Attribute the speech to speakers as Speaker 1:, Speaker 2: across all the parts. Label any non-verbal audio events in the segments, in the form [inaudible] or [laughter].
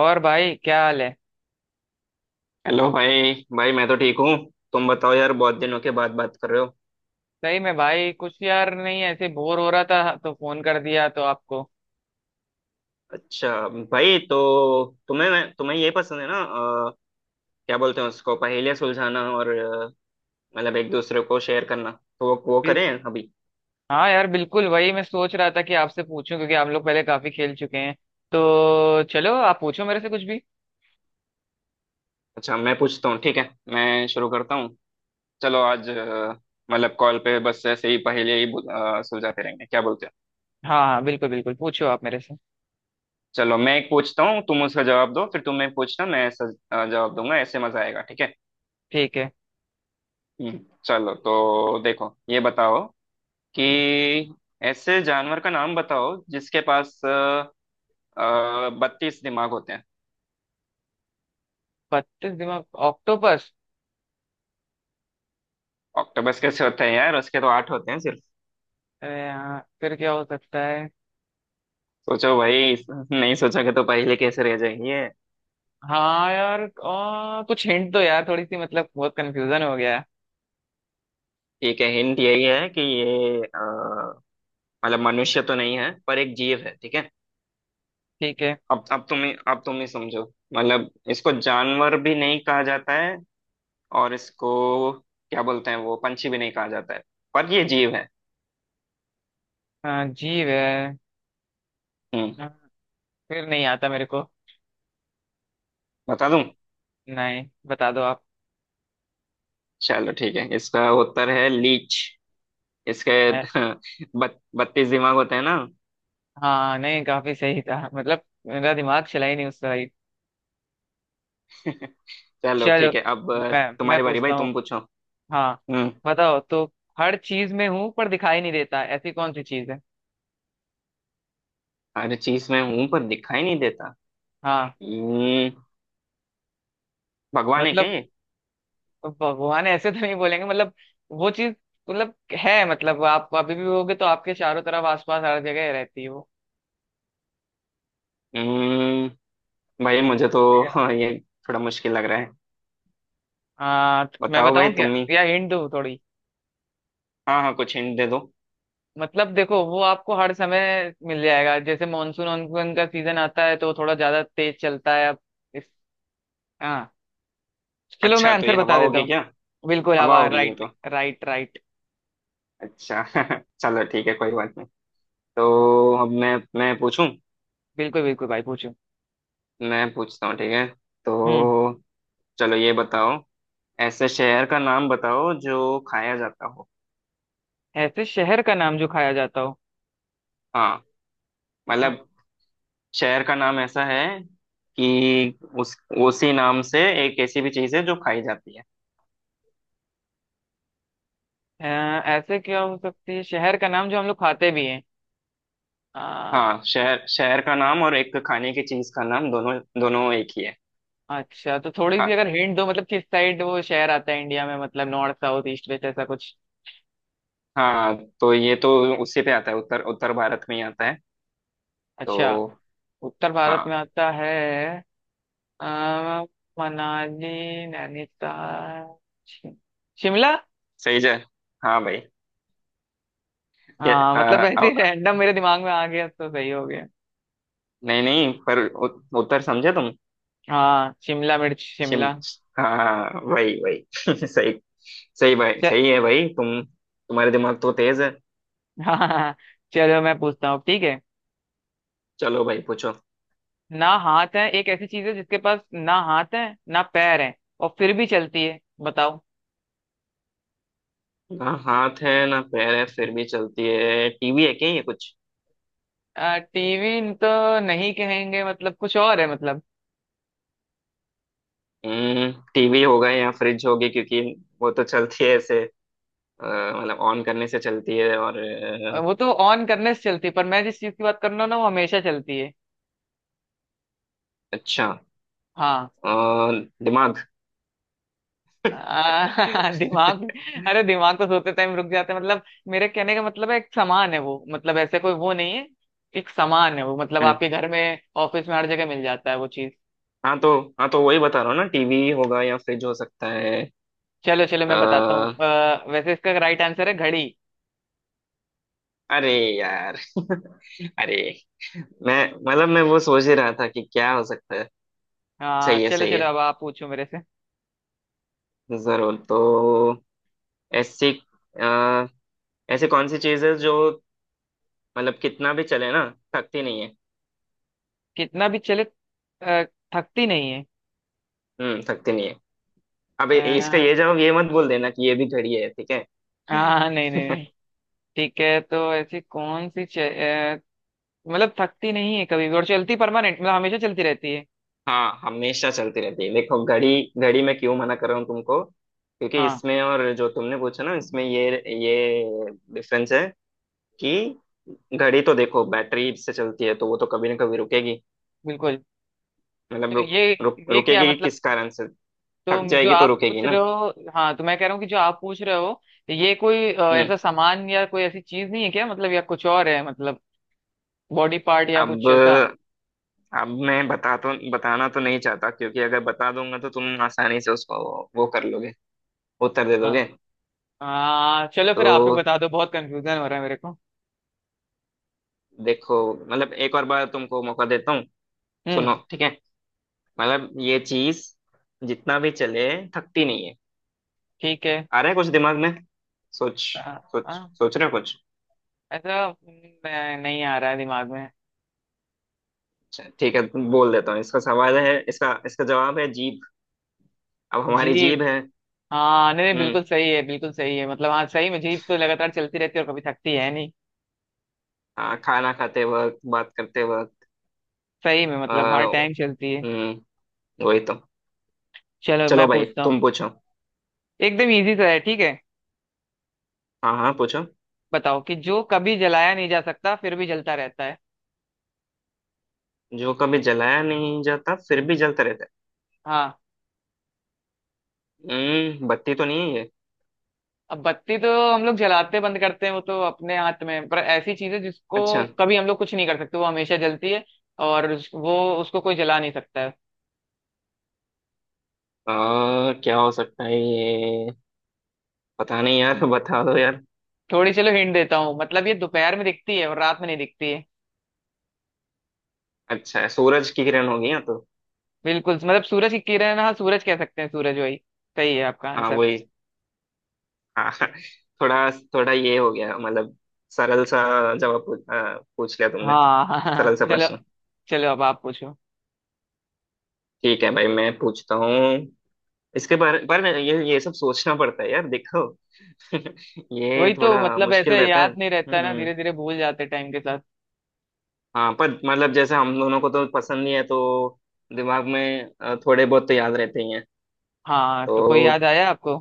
Speaker 1: और भाई क्या हाल है।
Speaker 2: हेलो भाई भाई, मैं तो ठीक हूँ। तुम बताओ यार, बहुत दिनों के बाद बात कर रहे हो।
Speaker 1: सही में भाई, कुछ यार नहीं, ऐसे बोर हो रहा था तो फोन कर दिया तो आपको।
Speaker 2: अच्छा भाई, तो तुम्हें ये पसंद है ना क्या बोलते हैं उसको, पहेलियाँ सुलझाना, और मतलब एक दूसरे को शेयर करना, तो वो
Speaker 1: बिल-
Speaker 2: करें अभी।
Speaker 1: हाँ यार, बिल्कुल वही मैं सोच रहा था कि आपसे पूछूं, क्योंकि हम लोग पहले काफी खेल चुके हैं। तो चलो, आप पूछो मेरे से कुछ भी।
Speaker 2: अच्छा मैं पूछता हूँ, ठीक है, मैं शुरू करता हूँ। चलो आज मतलब कॉल पे बस ऐसे ही पहेलियाँ ही सुलझाते रहेंगे, क्या बोलते हैं।
Speaker 1: हाँ हाँ, बिल्कुल बिल्कुल, पूछो आप मेरे से।
Speaker 2: चलो मैं एक पूछता हूँ, तुम उसका जवाब दो, फिर तुम एक पूछना, मैं ऐसा जवाब दूंगा, ऐसे मजा आएगा, ठीक है।
Speaker 1: ठीक है।
Speaker 2: हम्म, चलो, तो देखो, ये बताओ कि ऐसे जानवर का नाम बताओ जिसके पास 32 दिमाग होते हैं।
Speaker 1: 32 दिमाग? ऑक्टोपस।
Speaker 2: ऑक्टोपस कैसे होते हैं यार, उसके तो आठ होते हैं सिर्फ।
Speaker 1: अरे यार, फिर क्या हो सकता है।
Speaker 2: सोचो भाई, नहीं सोचोगे तो पहले कैसे रह जाएंगे।
Speaker 1: हाँ यार, कुछ हिंट दो यार थोड़ी सी, मतलब बहुत कंफ्यूजन हो गया है।
Speaker 2: ठीक है, हिंट यही है कि ये मतलब मनुष्य तो नहीं है, पर एक जीव है, ठीक है।
Speaker 1: ठीक है।
Speaker 2: अब तुम ही समझो। मतलब इसको जानवर भी नहीं कहा जाता है, और इसको क्या बोलते हैं, वो पंछी भी नहीं कहा जाता है, पर ये जीव है।
Speaker 1: जीव है।
Speaker 2: हम्म
Speaker 1: आ, फिर नहीं आता मेरे को।
Speaker 2: बता दूं?
Speaker 1: नहीं, बता दो आप।
Speaker 2: चलो ठीक है, इसका उत्तर है लीच। इसके
Speaker 1: है-
Speaker 2: [laughs] 32 दिमाग होते हैं ना।
Speaker 1: हाँ नहीं, काफी सही था। मतलब मेरा दिमाग चला ही नहीं उस तरह ही।
Speaker 2: [laughs] चलो
Speaker 1: चलो
Speaker 2: ठीक है अब।
Speaker 1: मैं मैं
Speaker 2: तुम्हारी बारी भाई,
Speaker 1: पूछता हूँ।
Speaker 2: तुम पूछो।
Speaker 1: हाँ।
Speaker 2: हम्म।
Speaker 1: बताओ तो, हर चीज में हूँ पर दिखाई नहीं देता, ऐसी कौन सी चीज है?
Speaker 2: हर चीज में हूं, पर दिखाई नहीं देता।
Speaker 1: हाँ।
Speaker 2: हम्म भगवान है क्या
Speaker 1: मतलब,
Speaker 2: ये?
Speaker 1: भगवान ऐसे तो नहीं बोलेंगे। मतलब वो चीज, मतलब है, मतलब आप अभी भी होगे तो आपके चारों तरफ आसपास हर जगह रहती है वो।
Speaker 2: हम्म भाई मुझे तो [laughs]
Speaker 1: Yeah.
Speaker 2: हाँ, ये थोड़ा मुश्किल लग रहा है।
Speaker 1: हाँ तो मैं
Speaker 2: बताओ भाई
Speaker 1: बताऊँ क्या?
Speaker 2: तुम ही।
Speaker 1: या हिंट दूँ थोड़ी?
Speaker 2: हाँ, हाँ, कुछ हिंट दे दो।
Speaker 1: मतलब देखो, वो आपको हर समय मिल जाएगा, जैसे मानसून वानसून का सीजन आता है तो थोड़ा ज्यादा तेज चलता है। अब हाँ, चलो मैं
Speaker 2: अच्छा तो ये
Speaker 1: आंसर
Speaker 2: हवा
Speaker 1: बता देता
Speaker 2: होगी
Speaker 1: हूँ।
Speaker 2: क्या?
Speaker 1: बिल्कुल
Speaker 2: हवा
Speaker 1: हवा।
Speaker 2: होगी ये
Speaker 1: राइट
Speaker 2: तो।
Speaker 1: Right right.
Speaker 2: अच्छा। [laughs] चलो ठीक है, कोई बात नहीं। तो अब मैं पूछूं?
Speaker 1: बिल्कुल बिल्कुल भाई, पूछो।
Speaker 2: मैं पूछता हूँ, ठीक है
Speaker 1: हम्म।
Speaker 2: तो। चलो ये बताओ। ऐसे शहर का नाम बताओ जो खाया जाता हो।
Speaker 1: ऐसे शहर का नाम जो खाया जाता हो?
Speaker 2: हाँ
Speaker 1: हाँ,
Speaker 2: मतलब शहर का नाम ऐसा है कि उस उसी नाम से एक ऐसी भी चीज है जो खाई जाती है।
Speaker 1: अ, ऐसे क्या हो सकती है, शहर का नाम जो हम लोग खाते भी हैं? आ,
Speaker 2: हाँ, शहर शहर का नाम और एक खाने की चीज का नाम, दोनों दोनों एक ही है।
Speaker 1: अच्छा, तो थोड़ी सी
Speaker 2: हाँ,
Speaker 1: अगर हिंट दो, मतलब किस साइड वो शहर आता है इंडिया में, मतलब नॉर्थ साउथ ईस्ट वेस्ट ऐसा कुछ।
Speaker 2: हाँ, तो ये तो उसी पे आता है, उत्तर उत्तर भारत में ही आता है
Speaker 1: अच्छा,
Speaker 2: तो।
Speaker 1: उत्तर भारत में
Speaker 2: हाँ,
Speaker 1: आता है। आ, मनाली, नैनीताल, शि- शिमला।
Speaker 2: सही जय, हाँ भाई। के-
Speaker 1: हाँ,
Speaker 2: आ,
Speaker 1: मतलब ऐसे
Speaker 2: आ,
Speaker 1: रैंडम मेरे दिमाग में आ गया तो सही हो गया।
Speaker 2: नहीं, नहीं, पर उत्तर समझे तुम।
Speaker 1: हाँ, शिमला मिर्च,
Speaker 2: शिम
Speaker 1: शिमला।
Speaker 2: हाँ वही वही, [laughs] सही। सही भाई,
Speaker 1: च-
Speaker 2: सही है भाई, तुम्हारे दिमाग तो तेज है।
Speaker 1: हाँ हाँ हाँ, चलो मैं पूछता हूँ ठीक है।
Speaker 2: चलो भाई पूछो।
Speaker 1: ना हाथ है, एक ऐसी चीज है जिसके पास ना हाथ है, ना पैर है, और फिर भी चलती है। बताओ।
Speaker 2: ना हाथ है, ना पैर है, फिर भी चलती है, टीवी है क्या ये कुछ?
Speaker 1: टीवी तो नहीं कहेंगे, मतलब कुछ और है मतलब।
Speaker 2: टीवी होगा या फ्रिज होगी, क्योंकि वो तो चलती है ऐसे मतलब ऑन करने से चलती है, और
Speaker 1: वो तो ऑन करने से चलती है, पर मैं जिस चीज की बात कर रहा हूँ ना, वो हमेशा चलती है।
Speaker 2: अच्छा।
Speaker 1: हाँ।
Speaker 2: अ, दिमाग।
Speaker 1: [laughs] दिमाग?
Speaker 2: [laughs]
Speaker 1: अरे दिमाग तो सोते टाइम रुक जाते हैं मतलब। मेरे कहने का मतलब है, एक सामान है वो, मतलब ऐसे कोई वो नहीं है। एक सामान है वो, मतलब
Speaker 2: हम्म।
Speaker 1: आपके घर में, ऑफिस में, हर जगह मिल जाता है वो चीज।
Speaker 2: हाँ तो वही बता रहा हूँ ना, टीवी होगा या फ्रिज हो सकता है।
Speaker 1: चलो चलो मैं बताता हूँ।
Speaker 2: अ,
Speaker 1: वैसे इसका राइट आंसर है घड़ी।
Speaker 2: अरे यार, [laughs] अरे मैं, मतलब मैं वो सोच ही रहा था कि क्या हो सकता है।
Speaker 1: हाँ,
Speaker 2: सही है,
Speaker 1: चलो
Speaker 2: सही
Speaker 1: चलो,
Speaker 2: है।
Speaker 1: अब आप पूछो मेरे से।
Speaker 2: जरूर तो। ऐसी आ, ऐसी कौन सी चीज है जो मतलब कितना भी चले ना, थकती नहीं है?
Speaker 1: कितना भी चले, थकती नहीं है।
Speaker 2: थकती नहीं है। अब इसका
Speaker 1: हाँ।
Speaker 2: ये जवाब ये मत बोल देना कि ये भी घड़ी है, ठीक है।
Speaker 1: हाँ, नहीं नहीं
Speaker 2: [laughs]
Speaker 1: नहीं। ठीक है, तो ऐसी कौन सी मतलब थकती नहीं है कभी भी, और चलती परमानेंट, मतलब हमेशा चलती रहती है।
Speaker 2: हाँ हमेशा चलती रहती है, देखो घड़ी। घड़ी मैं क्यों मना कर रहा हूँ तुमको? क्योंकि
Speaker 1: हाँ,
Speaker 2: इसमें और जो तुमने पूछा ना इसमें ये डिफरेंस है, कि घड़ी तो देखो बैटरी से चलती है, तो वो तो कभी ना कभी रुकेगी।
Speaker 1: बिल्कुल।
Speaker 2: मतलब
Speaker 1: तो
Speaker 2: रुक
Speaker 1: ये
Speaker 2: रुक
Speaker 1: ये क्या
Speaker 2: रुकेगी
Speaker 1: मतलब?
Speaker 2: किस कारण से? थक
Speaker 1: तो जो
Speaker 2: जाएगी तो
Speaker 1: आप
Speaker 2: रुकेगी
Speaker 1: पूछ रहे
Speaker 2: ना।
Speaker 1: हो, हाँ, तो मैं कह रहा हूँ कि जो आप पूछ रहे हो, ये कोई
Speaker 2: हम्म
Speaker 1: ऐसा सामान या कोई ऐसी चीज नहीं है क्या मतलब? या कुछ और है मतलब, बॉडी पार्ट या
Speaker 2: अब
Speaker 1: कुछ ऐसा?
Speaker 2: अब मैं बताना तो नहीं चाहता, क्योंकि अगर बता दूंगा तो तुम आसानी से उसको वो कर लोगे, उत्तर दे
Speaker 1: हाँ।
Speaker 2: दोगे।
Speaker 1: चलो फिर आप ही
Speaker 2: तो
Speaker 1: बता दो, बहुत कंफ्यूजन हो रहा है मेरे को।
Speaker 2: देखो मतलब एक और बार तुमको मौका देता हूँ। सुनो
Speaker 1: हम्म।
Speaker 2: ठीक है, मतलब ये चीज जितना भी चले, थकती नहीं है।
Speaker 1: ठीक है।
Speaker 2: आ रहा है कुछ दिमाग में? सोच।
Speaker 1: आ,
Speaker 2: सोच।
Speaker 1: आ,
Speaker 2: सोच रहे हो कुछ?
Speaker 1: ऐसा नहीं आ रहा है दिमाग में।
Speaker 2: अच्छा, ठीक है, बोल देता हूँ, इसका जवाब है जीभ। अब हमारी जीभ
Speaker 1: जीप?
Speaker 2: है।
Speaker 1: हाँ नहीं नहीं,
Speaker 2: हम्म
Speaker 1: बिल्कुल सही है, बिल्कुल सही है। मतलब हाँ, सही में जीप तो लगातार चलती रहती है और कभी थकती है नहीं।
Speaker 2: हाँ, खाना खाते वक्त, बात करते वक्त,
Speaker 1: सही में, मतलब हर
Speaker 2: अ,
Speaker 1: टाइम चलती है।
Speaker 2: हम्म वही तो।
Speaker 1: चलो
Speaker 2: चलो
Speaker 1: मैं
Speaker 2: भाई
Speaker 1: पूछता हूँ,
Speaker 2: तुम पूछो।
Speaker 1: एकदम इजी सा है ठीक है।
Speaker 2: हाँ, हाँ, पूछो।
Speaker 1: बताओ कि जो कभी जलाया नहीं जा सकता, फिर भी जलता रहता है।
Speaker 2: जो कभी जलाया नहीं जाता, फिर भी जलता रहता
Speaker 1: हाँ।
Speaker 2: है। बत्ती तो नहीं है ये?
Speaker 1: अब बत्ती तो हम लोग जलाते बंद करते हैं, वो तो अपने हाथ में है। पर ऐसी चीज है जिसको
Speaker 2: अच्छा।
Speaker 1: कभी हम लोग कुछ नहीं कर सकते, वो हमेशा जलती है। और वो, उसको कोई जला नहीं सकता है।
Speaker 2: क्या हो सकता है ये? पता नहीं यार, [laughs] बता दो यार।
Speaker 1: थोड़ी चलो हिंट देता हूँ, मतलब ये दोपहर में दिखती है और रात में नहीं दिखती है।
Speaker 2: अच्छा, सूरज की किरण होगी ना तो?
Speaker 1: बिल्कुल, मतलब सूरज की किरण, हाँ सूरज कह सकते हैं, सूरज, वही सही है आपका
Speaker 2: हाँ
Speaker 1: आंसर।
Speaker 2: वही, हाँ। [laughs] थोड़ा थोड़ा ये हो गया मतलब, सरल सा जवाब पूछ लिया तुमने।
Speaker 1: हाँ [laughs] हाँ हाँ,
Speaker 2: सरल सा
Speaker 1: चलो।
Speaker 2: प्रश्न।
Speaker 1: चलो अब आप पूछो।
Speaker 2: ठीक है भाई, मैं पूछता हूँ। इसके बारे पर ये सब सोचना पड़ता है यार देखो। [laughs] ये
Speaker 1: वही तो,
Speaker 2: थोड़ा
Speaker 1: मतलब
Speaker 2: मुश्किल
Speaker 1: ऐसे
Speaker 2: रहता है
Speaker 1: याद नहीं रहता है ना,
Speaker 2: हम्म।
Speaker 1: धीरे धीरे भूल जाते टाइम के साथ।
Speaker 2: हाँ, पर मतलब जैसे हम दोनों को तो पसंद नहीं है, तो दिमाग में थोड़े बहुत तो याद रहते ही हैं
Speaker 1: हाँ,
Speaker 2: तो।
Speaker 1: तो कोई याद आया आपको?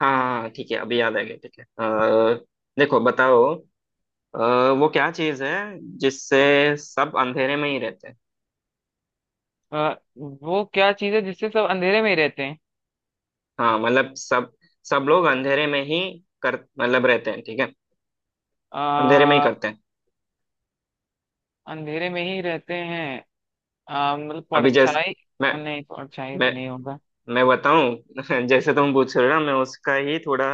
Speaker 2: हाँ, हाँ, ठीक है, अभी याद आ गया ठीक है, देखो बताओ, अ, वो क्या चीज़ है जिससे सब अंधेरे में ही रहते हैं?
Speaker 1: वो क्या चीज है जिससे सब अंधेरे में ही रहते
Speaker 2: हाँ मतलब सब सब लोग अंधेरे में ही कर मतलब रहते हैं, ठीक है। अंधेरे में ही
Speaker 1: हैं?
Speaker 2: करते हैं।
Speaker 1: अंधेरे में ही रहते हैं, मतलब
Speaker 2: अभी जैसे
Speaker 1: परछाई?
Speaker 2: मैं
Speaker 1: नहीं, परछाई तो
Speaker 2: मैं
Speaker 1: नहीं होगा।
Speaker 2: मैं बताऊं, [laughs] जैसे तुम पूछ रहे हो ना, मैं उसका ही थोड़ा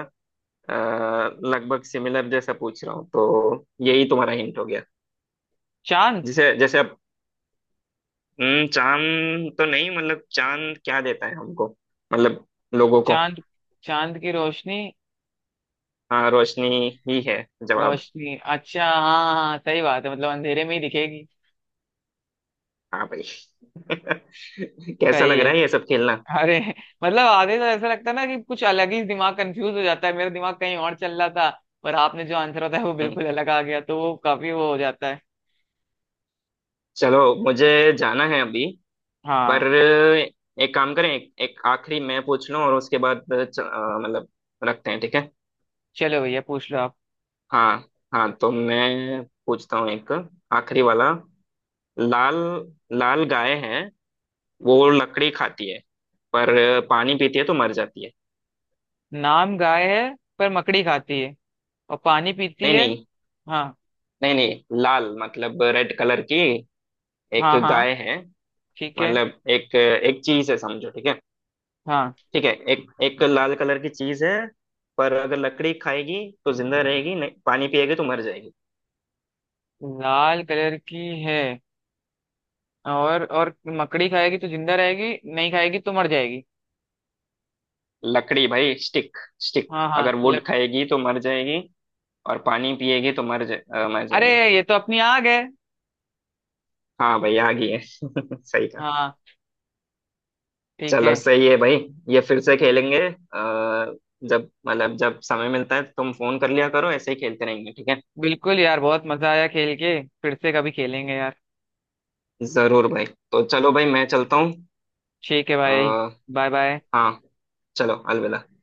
Speaker 2: लगभग सिमिलर जैसा पूछ रहा हूँ, तो यही तुम्हारा हिंट हो गया।
Speaker 1: चांद?
Speaker 2: जैसे जैसे अब। चांद तो नहीं, मतलब चांद क्या देता है हमको, मतलब लोगों को?
Speaker 1: चांद, चांद की रोशनी?
Speaker 2: हाँ, रोशनी ही है जवाब।
Speaker 1: रोशनी? अच्छा हाँ हाँ हाँ, सही बात है, मतलब अंधेरे में ही दिखेगी।
Speaker 2: हाँ भाई। [laughs] कैसा
Speaker 1: सही
Speaker 2: लग रहा
Speaker 1: है।
Speaker 2: है ये सब खेलना?
Speaker 1: अरे, मतलब आधे तो ऐसा लगता है ना कि कुछ अलग ही, दिमाग कंफ्यूज हो जाता है, मेरा दिमाग कहीं और चल रहा था। पर आपने जो आंसर होता है वो
Speaker 2: हम्म,
Speaker 1: बिल्कुल अलग आ गया, तो वो काफी वो हो जाता है।
Speaker 2: चलो मुझे जाना है अभी। पर
Speaker 1: हाँ,
Speaker 2: एक काम करें, एक आखिरी मैं पूछ लूं, और उसके बाद मतलब रखते हैं, ठीक है।
Speaker 1: चलो भैया पूछ लो आप।
Speaker 2: हाँ, हाँ, तो मैं पूछता हूँ एक आखिरी वाला। लाल लाल गाय है, वो लकड़ी खाती है, पर पानी पीती है तो मर जाती है।
Speaker 1: नाम गाय है, पर मकड़ी खाती है और पानी पीती
Speaker 2: नहीं,
Speaker 1: है?
Speaker 2: नहीं,
Speaker 1: हाँ
Speaker 2: नहीं, नहीं, लाल मतलब रेड कलर की एक
Speaker 1: हाँ। हाँ
Speaker 2: गाय है।
Speaker 1: ठीक है।
Speaker 2: मतलब एक एक चीज है समझो, ठीक है।
Speaker 1: हाँ,
Speaker 2: ठीक है, एक एक लाल कलर की चीज है। पर अगर लकड़ी खाएगी तो जिंदा रहेगी नहीं, पानी पिएगी तो मर जाएगी।
Speaker 1: लाल कलर की है, और मकड़ी खाएगी तो जिंदा रहेगी, नहीं खाएगी तो मर जाएगी?
Speaker 2: लकड़ी भाई स्टिक। स्टिक
Speaker 1: हाँ हाँ
Speaker 2: अगर
Speaker 1: लग,
Speaker 2: वुड खाएगी तो मर जाएगी। और पानी पिएगी तो मर
Speaker 1: अरे
Speaker 2: जाएगी।
Speaker 1: ये तो अपनी आग है।
Speaker 2: हाँ भाई, आ गई है। [laughs] सही कहा।
Speaker 1: हाँ। ठीक
Speaker 2: चलो
Speaker 1: है।
Speaker 2: सही है भाई। ये फिर से खेलेंगे, जब मतलब जब समय मिलता है तुम फोन कर लिया करो, ऐसे ही खेलते रहेंगे, ठीक है।
Speaker 1: बिल्कुल यार, बहुत मजा आया खेल के, फिर से कभी खेलेंगे यार।
Speaker 2: जरूर भाई। तो चलो भाई, मैं चलता हूँ।
Speaker 1: ठीक है
Speaker 2: अ,
Speaker 1: भाई। Bye bye.
Speaker 2: हाँ, चलो अलविदा।